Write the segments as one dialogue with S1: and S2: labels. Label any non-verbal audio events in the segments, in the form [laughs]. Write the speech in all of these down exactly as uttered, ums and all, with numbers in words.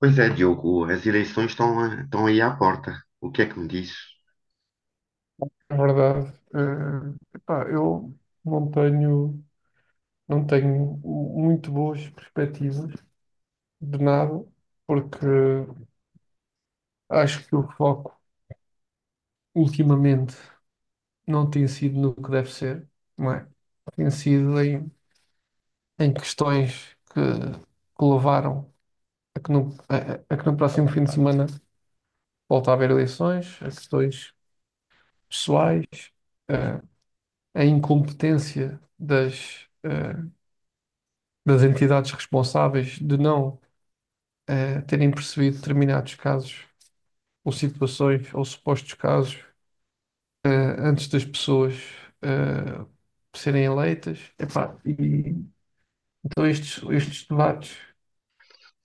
S1: Pois é, Diogo, as eleições estão, a- estão aí à porta. O que é que me diz?
S2: É verdade. Eh, epá, eu não tenho, não tenho muito boas perspectivas de nada, porque acho que o foco ultimamente não tem sido no que deve ser, não é? Tem sido em, em questões que, que levaram a que, no, a, a que no próximo fim de semana volta a haver eleições, a questões pessoais, eh, a incompetência das, eh, das entidades responsáveis de não eh, terem percebido determinados casos ou situações ou supostos casos eh, antes das pessoas eh, serem eleitas. Epá, e, então estes, estes debates,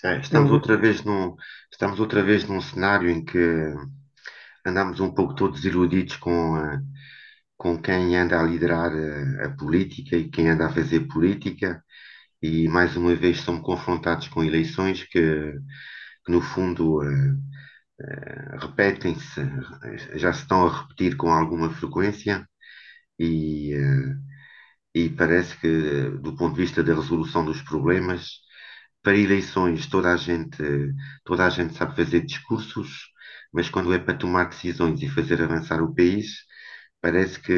S1: É. Estamos
S2: eles
S1: outra vez num, estamos outra vez num cenário em que andamos um pouco todos iludidos com, a- com quem anda a liderar a, a política e quem anda a fazer política, e mais uma vez somos confrontados com eleições que, que no fundo, eh, repetem-se, eh, já se estão a repetir com alguma frequência. E, eh, e parece que, do ponto de vista da resolução dos problemas, para eleições toda a gente, toda a gente sabe fazer discursos, mas quando é para tomar decisões e fazer avançar o país, parece que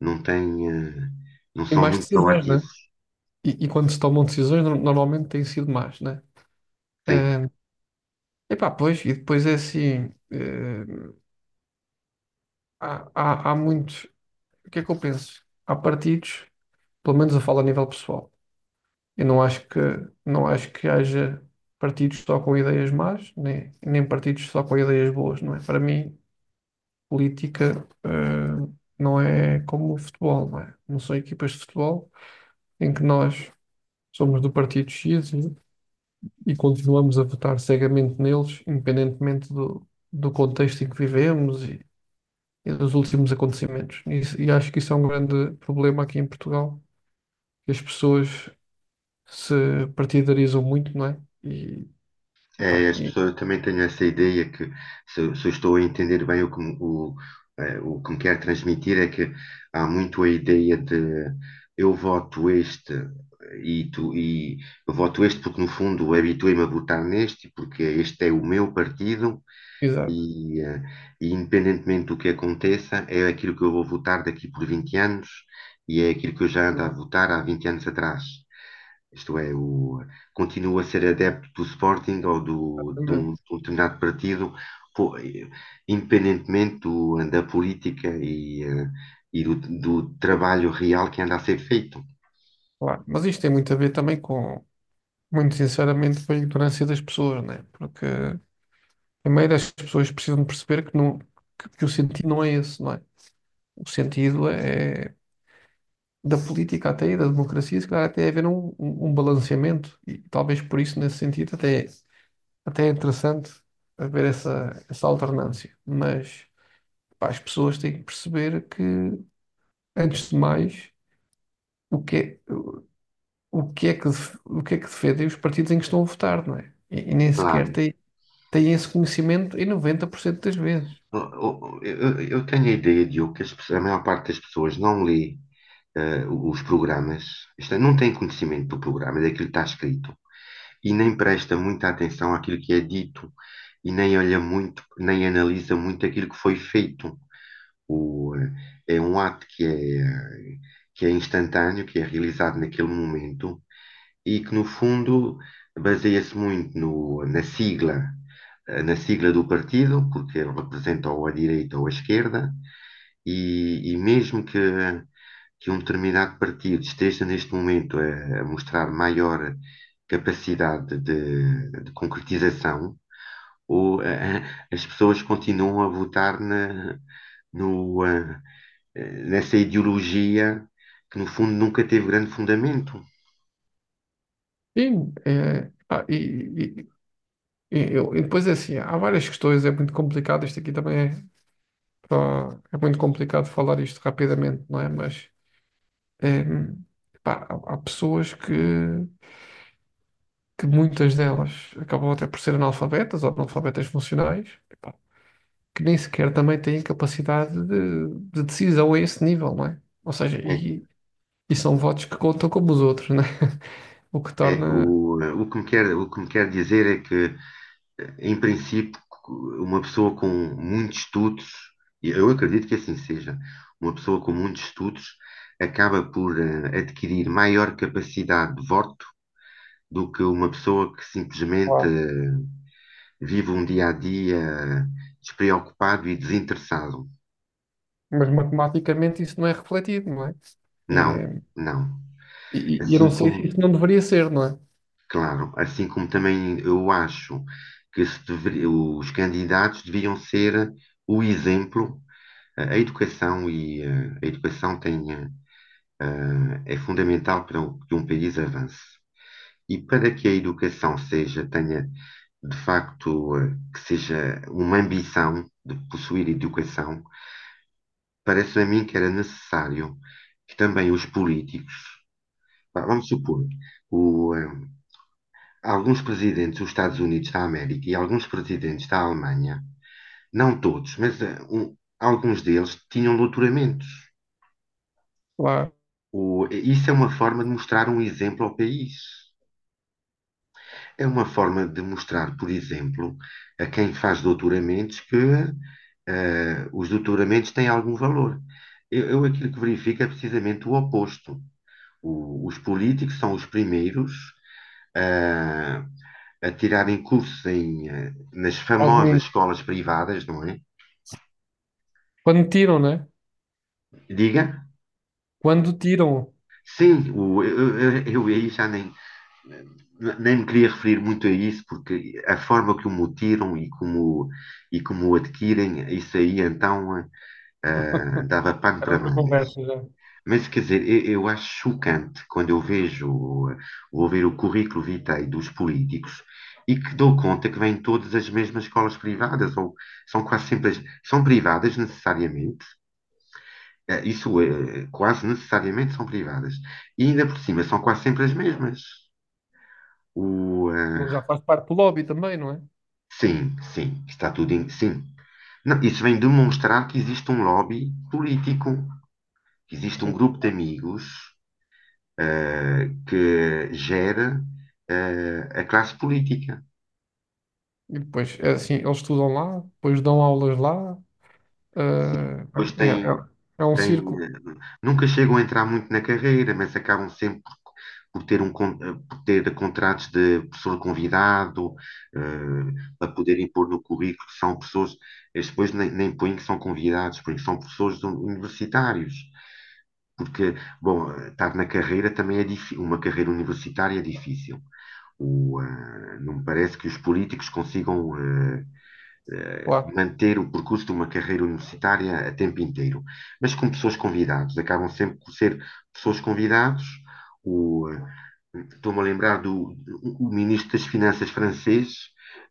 S1: não tem, eh, não
S2: têm
S1: são
S2: mais
S1: muito
S2: decisões, né?
S1: proativos,
S2: E, e quando se tomam decisões, no- normalmente têm sido más, né?
S1: têm.
S2: Eh, epá, Pois, e depois é assim, eh, há, há, há muitos, o que é que eu penso? Há partidos, pelo menos eu falo a nível pessoal. Eu não acho que, Não acho que haja partidos só com ideias más, nem, nem partidos só com ideias boas, não é? Para mim, política, eh, não é como o futebol, não é? Não são equipas de futebol em que nós somos do partido X e, e continuamos a votar cegamente neles, independentemente do, do contexto em que vivemos e, e dos últimos acontecimentos. E, isso- e acho que isso é um grande problema aqui em Portugal, que as pessoas se partidarizam muito, não é? E,
S1: É,
S2: epá,
S1: as pessoas também têm essa ideia que, se, se eu estou a entender bem o que, me- o, eh, o que me quer transmitir, é que há muito a ideia de eu voto este e, tu, e eu voto este porque, no fundo, habituei-me a votar neste, porque este é o meu partido
S2: Exato,
S1: e, eh, e independentemente do que aconteça, é aquilo que eu vou votar daqui por vinte anos e é aquilo que eu já ando a votar há vinte anos atrás. Isto é, o, continua a ser adepto do Sporting ou do, de, um,
S2: exatamente,
S1: de um determinado partido, po- independentemente do- da política e, eh, e do, do trabalho real que anda a ser feito.
S2: claro. Mas isto tem muito a ver também com, muito sinceramente, com a ignorância das pessoas, né? Porque, primeiro, as pessoas precisam de perceber que, não, que, que o sentido não é esse, não é? O sentido é da política até e da democracia, se calhar até haver um, um um balanceamento e talvez por isso, nesse sentido, até, até é interessante haver essa, essa alternância. Mas, pá, as pessoas têm que perceber que, antes de mais, o que é. o que é que, def- o que é que defendem os partidos em que estão a votar, não é? E, e nem sequer
S1: Claro.
S2: têm, têm esse conhecimento em noventa por cento das vezes.
S1: Eu, eu- eu tenho a ideia, Diogo, que as pessoas- a maior parte das pessoas não lê eh, os programas, isto é, não tem conhecimento do programa, é daquilo que está escrito, e nem presta muita atenção àquilo que é dito, e nem olha muito, nem analisa muito aquilo que foi feito. O, eh, É um ato que é, que é instantâneo, que é realizado naquele momento, e que, no fundo, baseia-se muito no- na sigla, eh, na sigla do partido, porque ele representa ou a direita ou a esquerda, e, e mesmo que, que um determinado partido esteja neste momento a, a mostrar maior capacidade de, de concretização, ou, eh, as pessoas continuam a votar na, no, eh, eh, nessa ideologia que, no fundo, nunca teve grande fundamento.
S2: Sim, é, ah, e, e- e- eu- e depois é assim, há várias questões, é muito complicado, isto aqui também é, só- é muito complicado falar isto rapidamente, não é? Mas é, pá, há, há pessoas que que muitas delas acabam até por ser analfabetas ou analfabetas funcionais, epá, que nem sequer também têm capacidade de, de decisão a esse nível, não é? Ou seja,
S1: É,
S2: e, e são votos que contam como os outros, não é? [laughs] O que
S1: é,
S2: torna.
S1: o, o que me quer, o que me quer dizer é que, em princípio, uma pessoa com muitos estudos, e eu acredito que assim seja, uma pessoa com muitos estudos acaba por eh, adquirir maior capacidade de voto do que uma pessoa que simplesmente
S2: Claro.
S1: eh, vive um dia a dia, eh, despreocupado e desinteressado.
S2: Mas matematicamente isso não é refletido, não é?
S1: Não,
S2: É,
S1: não.
S2: E e eu não
S1: Assim
S2: sei se
S1: como,
S2: isso não deveria ser, não é?
S1: claro, assim como também eu acho que se deveria- os candidatos deviam ser o exemplo. A educação e eh, a educação tem, eh, é fundamental para que um país avance. E para que a educação seja, tenha de facto, eh, que seja uma ambição de possuir educação, parece a mim que era necessário que também os políticos, vamos supor, o, eh, alguns presidentes dos Estados Unidos da América e alguns presidentes da Alemanha, não todos, mas eh, um- alguns deles tinham doutoramentos.
S2: Lá,
S1: O- isso é uma forma de mostrar um exemplo ao país. É uma forma de mostrar, por exemplo, a quem faz doutoramentos que eh, os doutoramentos têm algum valor. Eu, eu aquilo que verifico é precisamente o oposto. O- os políticos são os primeiros ah, a tirarem cursos em, eh, nas
S2: ao
S1: famosas
S2: domingo.
S1: escolas privadas, não é?
S2: Quando tiram, não é?
S1: Diga?
S2: Quando tiram.
S1: Sim, o- eu, eu, eu aí já nem nem me queria referir muito a isso, porque a forma que o mutiram e como, e como, o adquirem, isso aí então, ah, dava pano
S2: Era
S1: para
S2: outra
S1: mangas.
S2: conversa já.
S1: Mas quer dizer, eu, eu acho chocante quando eu vejo, vou ver o currículo vitae dos políticos e que dou conta que vêm todas as mesmas escolas privadas, ou são quase sempre, as- são privadas necessariamente, eh, isso é, quase necessariamente são privadas, e ainda por cima são quase sempre as mesmas. O, eh,
S2: Ele já faz parte do lobby também, não é?
S1: Sim, sim, está tudo em. Sim. Não, isso vem demonstrar que existe um lobby político, que existe um
S2: Sim.
S1: grupo de amigos eh, que gera eh, a classe política.
S2: E depois, é assim, eles estudam lá, depois dão aulas lá. eh,
S1: Pois
S2: é,
S1: tem.
S2: é, É um
S1: tem,
S2: círculo
S1: eh, Nunca chegam a entrar muito na carreira, mas acabam sempre por, por ter um, con- eh, por ter contratos de professor convidado, eh, para poderem pôr no currículo que são pessoas. Eles depois nem, nem põem que são convidados, põem que são professores universitários. Porque, bom, estar na carreira também é difícil, uma carreira universitária é difícil. O, ah, não me parece que os políticos consigam ah,
S2: lá.
S1: manter o percurso de uma carreira universitária a tempo inteiro. Mas com pessoas convidadas, acabam sempre por ser pessoas convidadas. O, ah, Estou-me a lembrar do o ministro das Finanças francês.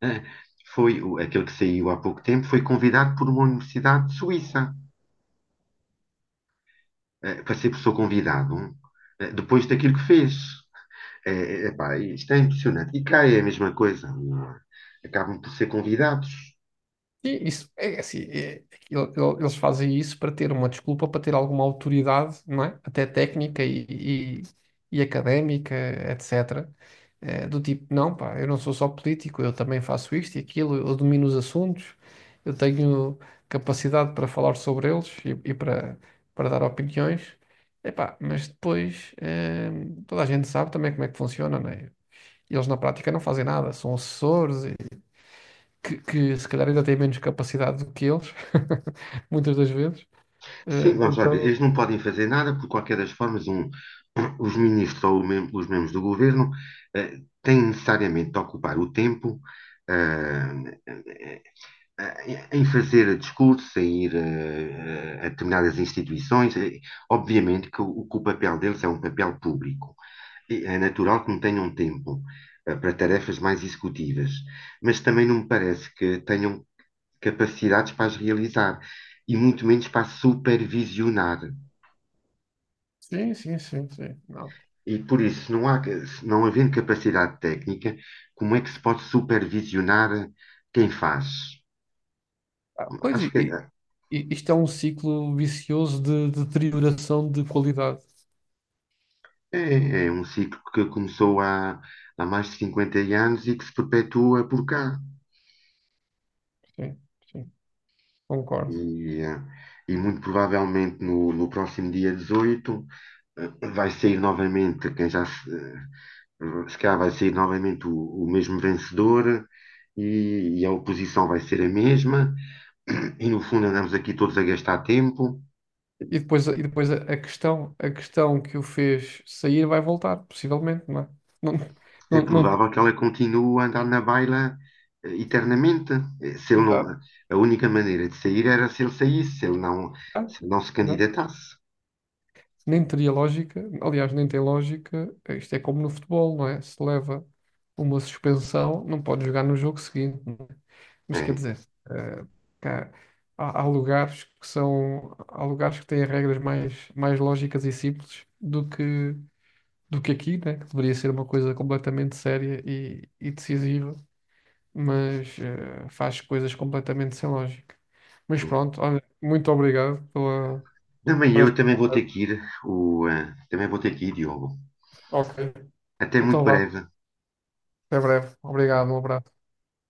S1: uh, Foi aquele que saiu há pouco tempo, foi convidado por uma universidade suíça, uh, para ser professor convidado, uh, depois daquilo que fez. É, epá, isto é impressionante. E cá é a mesma coisa, não é? Acabam por ser convidados.
S2: E isso, é é assim, é- ele- ele- eles fazem isso para ter uma desculpa, para ter alguma autoridade, não é? Até técnica e, e- e académica, etecetera. Eh, do tipo, não, pá, eu não sou só político, eu também faço isto e aquilo, eu domino os assuntos, eu tenho capacidade para falar sobre eles e, e para, para dar opiniões. Epá, mas depois, eh, toda a gente sabe também como é que funciona, não é? E eles na prática não fazem nada, são assessores que, que se calhar ainda têm menos capacidade do que eles, [laughs] muitas das vezes. Eh,
S1: Sim, vamos lá ver.
S2: então,
S1: Eles não podem fazer nada, por qualquer das formas. Um- os ministros ou o mem- os membros do governo eh, têm necessariamente de ocupar o tempo ah, em fazer discursos, em ir eh, a determinadas instituições. Eh, Obviamente que o, que o papel deles é um papel público. E é natural que não tenham tempo eh, para tarefas mais executivas, mas também não me parece que tenham capacidades para as realizar e muito menos para supervisionar.
S2: sim, sim, sim, sim. Não.
S1: E por isso, não há, não havendo capacidade técnica, como é que se pode supervisionar quem faz?
S2: Ah, pois,
S1: Acho
S2: e,
S1: que
S2: e-
S1: é,
S2: e isto é um ciclo vicioso de, de deterioração de qualidade.
S1: é um ciclo que começou há, há mais de cinquenta anos e que se perpetua por cá.
S2: Sim, sim, concordo.
S1: E, e muito provavelmente no, no próximo dia dezoito, eh, vai sair novamente quem já. Hum, Se calhar vai ser novamente o, o mesmo vencedor, e, e a oposição vai ser a mesma. [clears throat] E no fundo andamos aqui todos a gastar tempo.
S2: E depois, e depois a, a questão, a questão que o fez sair vai voltar, possivelmente, não é? Não,
S1: É
S2: não, não,
S1: provável que ela continue a andar na baila, eh, eternamente. Eh, Se ele não,
S2: Exato.
S1: a única maneira de sair era se ele saísse, se ele não
S2: Ah,
S1: se, ele não se
S2: exato.
S1: candidatasse.
S2: Nem teria lógica, aliás, nem tem lógica. Isto é como no futebol, não é? Se leva uma suspensão, não pode jogar no jogo seguinte, não é? Mas quer
S1: É.
S2: dizer, eh, cá- há, há lugares que são, há lugares que têm regras mais, mais lógicas e simples do que, do que aqui, né? Que deveria ser uma coisa completamente séria e, e decisiva, mas eh, faz coisas completamente sem lógica. Mas pronto, olha, muito obrigado pela,
S1: Também
S2: por
S1: eu
S2: esta
S1: também vou ter
S2: conversa.
S1: que ir, o, eh, também vou ter que ir, Diogo.
S2: Ok,
S1: Até muito
S2: então vá.
S1: breve.
S2: Até breve. Obrigado, um abraço.